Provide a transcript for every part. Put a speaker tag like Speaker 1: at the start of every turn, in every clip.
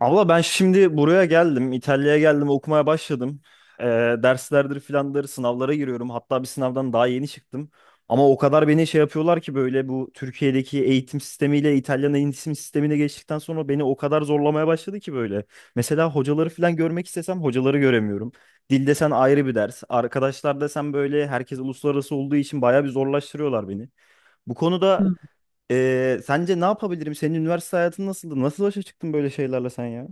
Speaker 1: Abla ben şimdi buraya geldim. İtalya'ya geldim. Okumaya başladım. Ee, derslerdir filandır sınavlara giriyorum. Hatta bir sınavdan daha yeni çıktım. Ama o kadar beni şey yapıyorlar ki böyle bu Türkiye'deki eğitim sistemiyle İtalyan eğitim sistemine geçtikten sonra beni o kadar zorlamaya başladı ki böyle. Mesela hocaları filan görmek istesem hocaları göremiyorum. Dil desen ayrı bir ders. Arkadaşlar desen böyle herkes uluslararası olduğu için bayağı bir zorlaştırıyorlar beni. Bu
Speaker 2: Hı.
Speaker 1: konuda sence ne yapabilirim? Senin üniversite hayatın nasıldı? Nasıl başa çıktın böyle şeylerle sen ya?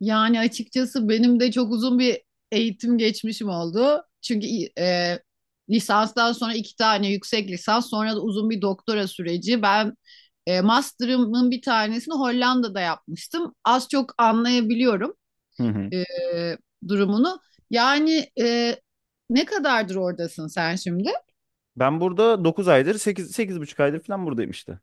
Speaker 2: Yani açıkçası benim de çok uzun bir eğitim geçmişim oldu. Çünkü e, lisanstan sonra iki tane yüksek lisans, sonra da uzun bir doktora süreci. Ben master'ımın bir tanesini Hollanda'da yapmıştım. Az çok anlayabiliyorum
Speaker 1: Hı hı.
Speaker 2: e, durumunu. Yani ne kadardır oradasın sen şimdi?
Speaker 1: Ben burada 9 aydır sekiz sekiz buçuk aydır falan buradayım işte.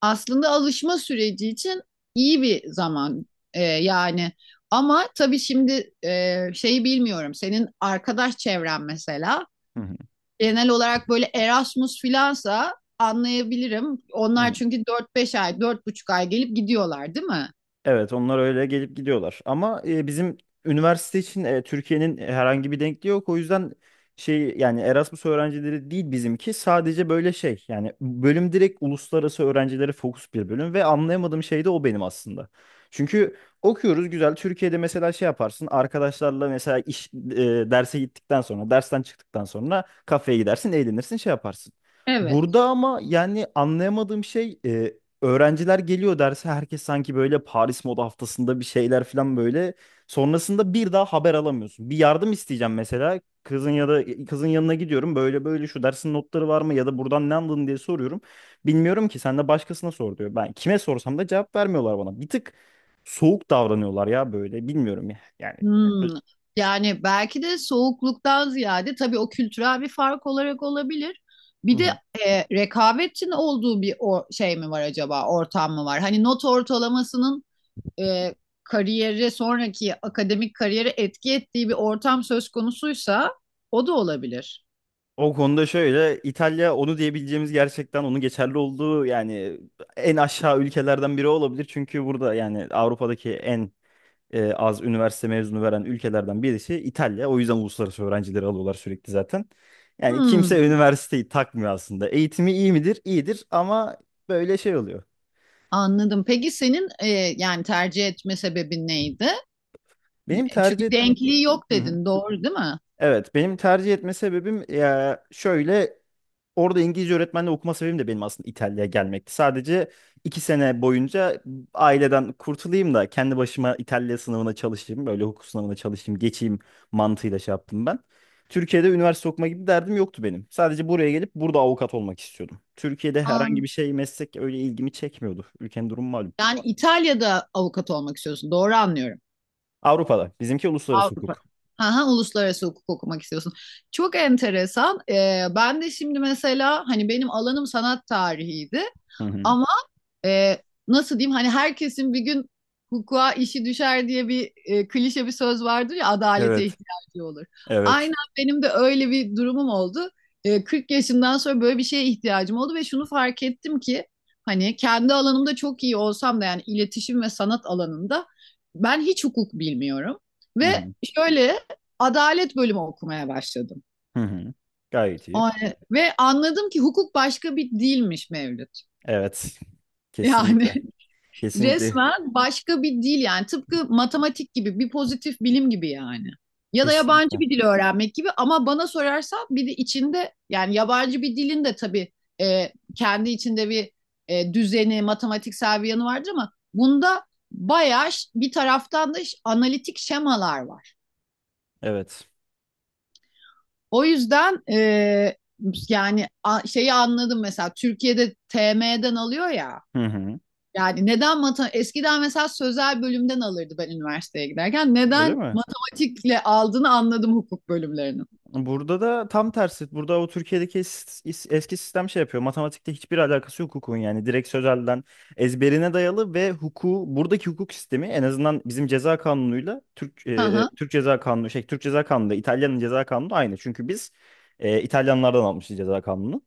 Speaker 2: Aslında alışma süreci için iyi bir zaman yani. Ama tabii şimdi şeyi bilmiyorum. Senin arkadaş çevren mesela
Speaker 1: Hı hı.
Speaker 2: genel olarak böyle Erasmus filansa anlayabilirim.
Speaker 1: Hı
Speaker 2: Onlar
Speaker 1: hı.
Speaker 2: çünkü dört beş ay, dört buçuk ay gelip gidiyorlar, değil mi?
Speaker 1: Evet, onlar öyle gelip gidiyorlar. Ama bizim üniversite için Türkiye'nin herhangi bir denkliği yok. O yüzden şey yani Erasmus öğrencileri değil bizimki. Sadece böyle şey yani bölüm direkt uluslararası öğrencilere fokus bir bölüm ve anlayamadığım şey de o benim aslında. Çünkü okuyoruz güzel. Türkiye'de mesela şey yaparsın arkadaşlarla mesela derse gittikten sonra dersten çıktıktan sonra kafeye gidersin eğlenirsin şey yaparsın.
Speaker 2: Evet.
Speaker 1: Burada ama yani anlayamadığım şey öğrenciler geliyor derse herkes sanki böyle Paris Moda Haftası'nda bir şeyler falan böyle. Sonrasında bir daha haber alamıyorsun. Bir yardım isteyeceğim mesela. Kızın ya da kızın yanına gidiyorum. Böyle böyle şu dersin notları var mı ya da buradan ne anladın diye soruyorum. Bilmiyorum ki sen de başkasına sor diyor. Ben kime sorsam da cevap vermiyorlar bana. Bir tık soğuk davranıyorlar ya böyle. Bilmiyorum ya. Yani.
Speaker 2: Hmm. Yani belki de soğukluktan ziyade tabii o kültürel bir fark olarak olabilir. Bir
Speaker 1: Hı.
Speaker 2: de rekabetin olduğu bir o, şey mi var acaba, ortam mı var? Hani not ortalamasının e, kariyeri sonraki akademik kariyere etki ettiği bir ortam söz konusuysa o da olabilir.
Speaker 1: O konuda şöyle İtalya onu diyebileceğimiz gerçekten onun geçerli olduğu yani en aşağı ülkelerden biri olabilir. Çünkü burada yani Avrupa'daki en az üniversite mezunu veren ülkelerden birisi İtalya. O yüzden uluslararası öğrencileri alıyorlar sürekli zaten. Yani kimse
Speaker 2: Hmm,
Speaker 1: üniversiteyi takmıyor aslında. Eğitimi iyi midir? İyidir ama böyle şey oluyor.
Speaker 2: anladım. Peki senin yani tercih etme sebebin neydi?
Speaker 1: Benim
Speaker 2: E, çünkü
Speaker 1: tercih et-
Speaker 2: denkliği yok
Speaker 1: Hı hı.
Speaker 2: dedin, doğru değil mi?
Speaker 1: Evet, benim tercih etme sebebim ya şöyle. Orada İngilizce öğretmenle okuma sebebim de benim aslında İtalya'ya gelmekti. Sadece 2 sene boyunca aileden kurtulayım da kendi başıma İtalya sınavına çalışayım. Böyle hukuk sınavına çalışayım, geçeyim mantığıyla şey yaptım ben. Türkiye'de üniversite okuma gibi derdim yoktu benim. Sadece buraya gelip burada avukat olmak istiyordum. Türkiye'de herhangi
Speaker 2: An,
Speaker 1: bir şey meslek öyle ilgimi çekmiyordu. Ülkenin durumu malum.
Speaker 2: yani İtalya'da avukat olmak istiyorsun, doğru anlıyorum.
Speaker 1: Avrupa'da. Bizimki uluslararası
Speaker 2: Avrupa.
Speaker 1: hukuk.
Speaker 2: Aha, uluslararası hukuk okumak istiyorsun. Çok enteresan. E, ben de şimdi mesela hani benim alanım sanat tarihiydi.
Speaker 1: Hı hı.
Speaker 2: Ama e, nasıl diyeyim hani herkesin bir gün hukuka işi düşer diye bir klişe bir söz vardır ya, adalete
Speaker 1: Evet,
Speaker 2: ihtiyacı olur.
Speaker 1: evet.
Speaker 2: Aynen benim de öyle bir durumum oldu. E, 40 yaşından sonra böyle bir şeye ihtiyacım oldu ve şunu fark ettim ki hani kendi alanımda çok iyi olsam da yani iletişim ve sanat alanında ben hiç hukuk bilmiyorum
Speaker 1: Hı
Speaker 2: ve
Speaker 1: hı.
Speaker 2: şöyle adalet bölümü okumaya başladım.
Speaker 1: Hı hı. Gayet iyi.
Speaker 2: O- Ve anladım ki hukuk başka bir dilmiş Mevlüt.
Speaker 1: Evet.
Speaker 2: Yani
Speaker 1: Kesinlikle. Kesinlikle.
Speaker 2: resmen başka bir dil yani, tıpkı matematik gibi bir pozitif bilim gibi yani. Ya da yabancı
Speaker 1: Kesinlikle.
Speaker 2: bir dil öğrenmek gibi, ama bana sorarsan bir de içinde yani yabancı bir dilin de tabii kendi içinde bir düzeni, matematiksel bir yanı vardır ama bunda bayağı bir taraftan da analitik şemalar var.
Speaker 1: Evet.
Speaker 2: O yüzden yani şeyi anladım mesela Türkiye'de TM'den alıyor ya.
Speaker 1: Hı hı.
Speaker 2: Yani neden matematik eskiden mesela sözel bölümden alırdı ben üniversiteye giderken.
Speaker 1: Öyle
Speaker 2: Neden
Speaker 1: mi?
Speaker 2: matematikle aldığını anladım hukuk bölümlerinin.
Speaker 1: Burada da tam tersi. Burada o Türkiye'deki eski sistem şey yapıyor. Matematikte hiçbir alakası yok hukukun yani. Direkt sözelden ezberine dayalı ve hukuku buradaki hukuk sistemi en azından bizim ceza kanunuyla Türk
Speaker 2: Hı hı.
Speaker 1: Türk ceza kanunu şey Türk ceza kanunu da İtalya'nın ceza kanunu aynı. Çünkü biz İtalyanlardan almışız ceza kanunu.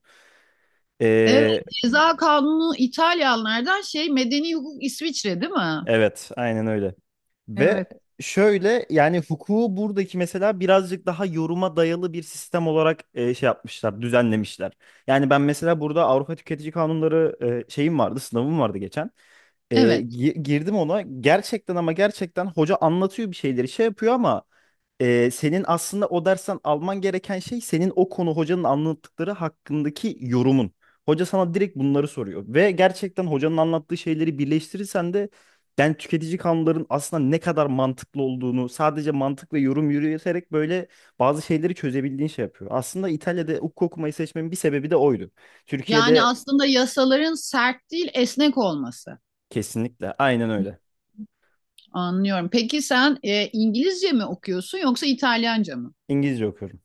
Speaker 2: Evet,
Speaker 1: E,
Speaker 2: ceza kanunu İtalyanlardan, şey, medeni hukuk İsviçre değil mi?
Speaker 1: evet, aynen öyle. Ve
Speaker 2: Evet.
Speaker 1: şöyle yani hukuku buradaki mesela birazcık daha yoruma dayalı bir sistem olarak şey yapmışlar, düzenlemişler. Yani ben mesela burada Avrupa Tüketici Kanunları şeyim vardı, sınavım vardı geçen.
Speaker 2: Evet.
Speaker 1: Girdim ona gerçekten ama gerçekten hoca anlatıyor bir şeyleri şey yapıyor ama senin aslında o dersten alman gereken şey senin o konu hocanın anlattıkları hakkındaki yorumun. Hoca sana direkt bunları soruyor ve gerçekten hocanın anlattığı şeyleri birleştirirsen de ben tüketici kanunların aslında ne kadar mantıklı olduğunu sadece mantık ve yorum yürüterek böyle bazı şeyleri çözebildiğin şey yapıyor. Aslında İtalya'da hukuk okumayı seçmemin bir sebebi de oydu.
Speaker 2: Yani
Speaker 1: Türkiye'de
Speaker 2: aslında yasaların sert değil esnek olması.
Speaker 1: kesinlikle aynen öyle.
Speaker 2: Anlıyorum. Peki sen İngilizce mi okuyorsun yoksa İtalyanca mı?
Speaker 1: İngilizce okuyorum.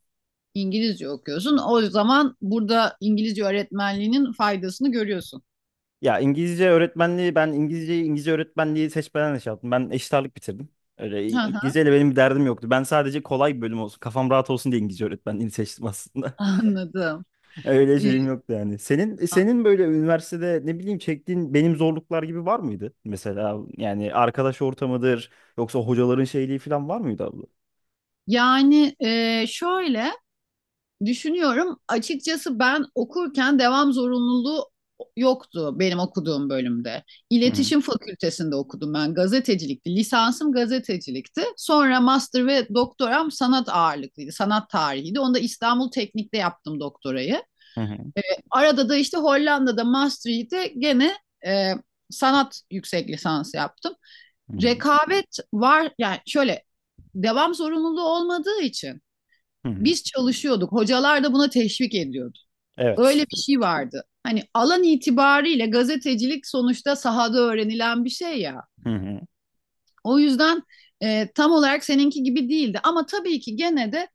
Speaker 2: İngilizce okuyorsun. O zaman burada İngilizce öğretmenliğinin faydasını görüyorsun.
Speaker 1: Ya İngilizce öğretmenliği ben İngilizceyi İngilizce öğretmenliği seçmeden de şey yaptım. Ben eşit ağırlık bitirdim.
Speaker 2: Hı hı,
Speaker 1: İngilizceyle benim bir derdim yoktu. Ben sadece kolay bir bölüm olsun, kafam rahat olsun diye İngilizce öğretmenliğini seçtim aslında.
Speaker 2: anladım.
Speaker 1: Öyle şeyim yoktu yani. Senin böyle üniversitede ne bileyim çektiğin benim zorluklar gibi var mıydı? Mesela yani arkadaş ortamıdır yoksa hocaların şeyliği falan var mıydı abla?
Speaker 2: Yani şöyle düşünüyorum, açıkçası ben okurken devam zorunluluğu yoktu benim okuduğum bölümde.
Speaker 1: Hı hı,
Speaker 2: İletişim Fakültesinde okudum, ben gazetecilikti, lisansım gazetecilikti. Sonra master ve doktoram sanat ağırlıklıydı. Sanat tarihiydi. Onu da İstanbul Teknik'te yaptım, doktorayı.
Speaker 1: hı hı,
Speaker 2: E, arada da işte Hollanda'da master'ı da gene e, sanat yüksek lisansı yaptım.
Speaker 1: hı hı.
Speaker 2: Rekabet var yani, şöyle, devam zorunluluğu olmadığı için
Speaker 1: Hı hı.
Speaker 2: biz çalışıyorduk. Hocalar da buna teşvik ediyordu.
Speaker 1: Evet.
Speaker 2: Öyle bir şey vardı. Hani alan itibariyle gazetecilik sonuçta sahada öğrenilen bir şey ya.
Speaker 1: Hı hı.
Speaker 2: O yüzden tam olarak seninki gibi değildi. Ama tabii ki gene de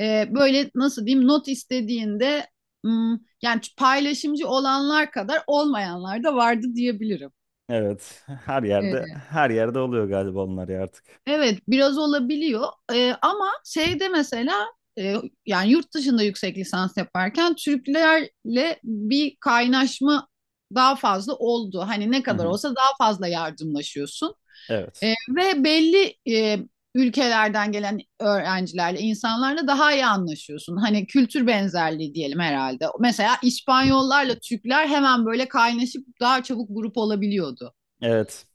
Speaker 2: böyle nasıl diyeyim, not istediğinde hmm, yani paylaşımcı olanlar kadar olmayanlar da vardı diyebilirim.
Speaker 1: Evet. Her yerde
Speaker 2: E,
Speaker 1: her yerde oluyor galiba onlar ya artık.
Speaker 2: Evet, biraz olabiliyor. Ama şeyde mesela e, yani yurt dışında yüksek lisans yaparken Türklerle bir kaynaşma daha fazla oldu. Hani ne
Speaker 1: Hı
Speaker 2: kadar
Speaker 1: hı.
Speaker 2: olsa daha fazla yardımlaşıyorsun.
Speaker 1: Evet.
Speaker 2: Ve belli ülkelerden gelen öğrencilerle, insanlarla daha iyi anlaşıyorsun. Hani kültür benzerliği diyelim herhalde. Mesela İspanyollarla Türkler hemen böyle kaynaşıp daha çabuk grup olabiliyordu.
Speaker 1: Evet.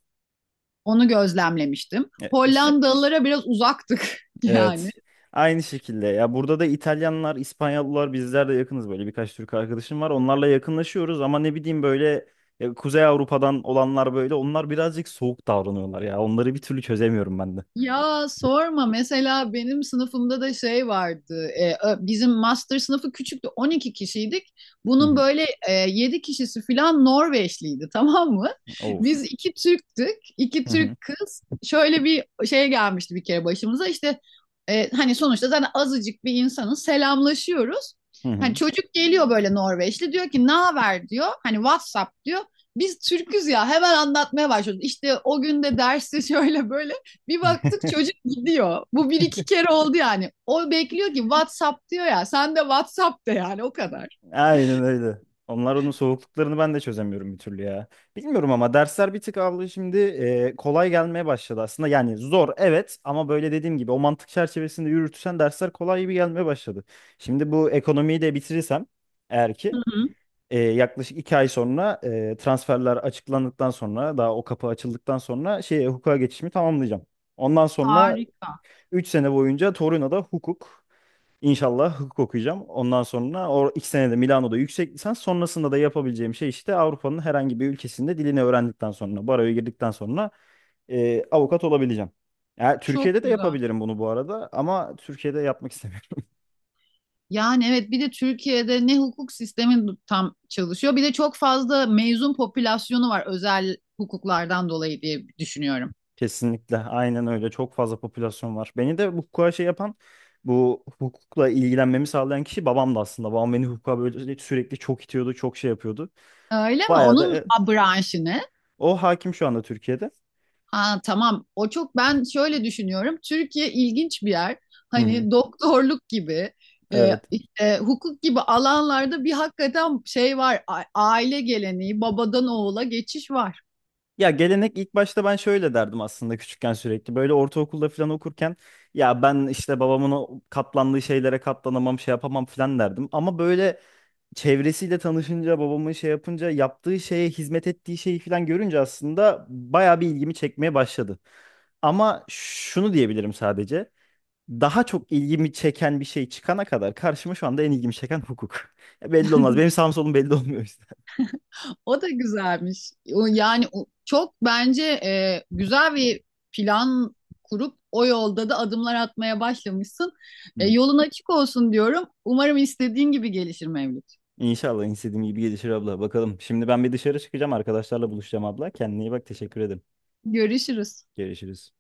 Speaker 2: Onu gözlemlemiştim.
Speaker 1: E, iş-
Speaker 2: Hollandalılara biraz uzaktık yani.
Speaker 1: Evet. Aynı şekilde. Ya burada da İtalyanlar, İspanyollar bizler de yakınız böyle. Birkaç Türk arkadaşım var. Onlarla yakınlaşıyoruz ama ne bileyim böyle Kuzey Avrupa'dan olanlar böyle. Onlar birazcık soğuk davranıyorlar ya. Onları bir türlü çözemiyorum ben de.
Speaker 2: Ya sorma, mesela benim sınıfımda da şey vardı, bizim master sınıfı küçüktü, 12 kişiydik,
Speaker 1: Hı
Speaker 2: bunun
Speaker 1: hı.
Speaker 2: böyle 7 kişisi filan Norveçliydi tamam mı?
Speaker 1: Of.
Speaker 2: Biz iki Türktük, iki
Speaker 1: Hı hı.
Speaker 2: Türk kız, şöyle bir şey gelmişti bir kere başımıza, işte hani sonuçta zaten azıcık bir insanız, selamlaşıyoruz.
Speaker 1: Hı
Speaker 2: Hani
Speaker 1: hı.
Speaker 2: çocuk geliyor böyle Norveçli, diyor ki ne haber diyor, hani WhatsApp diyor. Biz Türküz ya, hemen anlatmaya başlıyoruz. İşte o gün de derste şöyle böyle bir baktık çocuk gidiyor. Bu bir iki kere oldu yani. O bekliyor ki WhatsApp diyor ya. Sen de WhatsApp de yani, o kadar.
Speaker 1: Aynen öyle. Onlar onun soğukluklarını ben de çözemiyorum bir türlü ya. Bilmiyorum ama dersler bir tık abla şimdi kolay gelmeye başladı aslında. Yani zor evet ama böyle dediğim gibi o mantık çerçevesinde yürütürsen dersler kolay gibi gelmeye başladı. Şimdi bu ekonomiyi de bitirirsem eğer
Speaker 2: Hı
Speaker 1: ki
Speaker 2: hı.
Speaker 1: yaklaşık 2 ay sonra transferler açıklandıktan sonra daha o kapı açıldıktan sonra şeye hukuka geçişimi tamamlayacağım. Ondan sonra
Speaker 2: Harika.
Speaker 1: 3 sene boyunca Torino'da hukuk. İnşallah hukuk okuyacağım. Ondan sonra o 2 senede Milano'da yüksek lisans. Sonrasında da yapabileceğim şey işte Avrupa'nın herhangi bir ülkesinde dilini öğrendikten sonra, baroya girdikten sonra avukat olabileceğim. Ya
Speaker 2: Çok
Speaker 1: Türkiye'de de
Speaker 2: güzel.
Speaker 1: yapabilirim bunu bu arada ama Türkiye'de yapmak istemiyorum.
Speaker 2: Yani evet, bir de Türkiye'de ne hukuk sistemi tam çalışıyor, bir de çok fazla mezun popülasyonu var özel hukuklardan dolayı diye düşünüyorum.
Speaker 1: Kesinlikle. Aynen öyle. Çok fazla popülasyon var. Beni de bu hukuka şey yapan, bu hukukla ilgilenmemi sağlayan kişi babamdı aslında. Babam beni hukuka böyle sürekli çok itiyordu, çok şey yapıyordu.
Speaker 2: Öyle mi?
Speaker 1: Bayağı da
Speaker 2: Onun branşı ne?
Speaker 1: o hakim şu anda Türkiye'de.
Speaker 2: Aa, tamam. O çok, ben şöyle düşünüyorum. Türkiye ilginç bir yer.
Speaker 1: Hı hı.
Speaker 2: Hani doktorluk gibi,
Speaker 1: Evet.
Speaker 2: işte hukuk gibi alanlarda bir hakikaten şey var. Aile geleneği, babadan oğula geçiş var.
Speaker 1: Ya gelenek ilk başta ben şöyle derdim aslında küçükken sürekli. Böyle ortaokulda falan okurken ya ben işte babamın o katlandığı şeylere katlanamam şey yapamam falan derdim. Ama böyle çevresiyle tanışınca babamın şey yapınca yaptığı şeye hizmet ettiği şeyi falan görünce aslında bayağı bir ilgimi çekmeye başladı. Ama şunu diyebilirim sadece. Daha çok ilgimi çeken bir şey çıkana kadar karşıma şu anda en ilgimi çeken hukuk. Belli olmaz. Benim sağım solum belli olmuyor işte.
Speaker 2: O da güzelmiş. O yani çok bence güzel bir plan kurup o yolda da adımlar atmaya başlamışsın. E, yolun açık olsun diyorum. Umarım istediğin gibi gelişir Mevlüt.
Speaker 1: İnşallah istediğim gibi gelişir abla. Bakalım. Şimdi ben bir dışarı çıkacağım. Arkadaşlarla buluşacağım abla. Kendine iyi bak. Teşekkür ederim.
Speaker 2: Görüşürüz.
Speaker 1: Görüşürüz.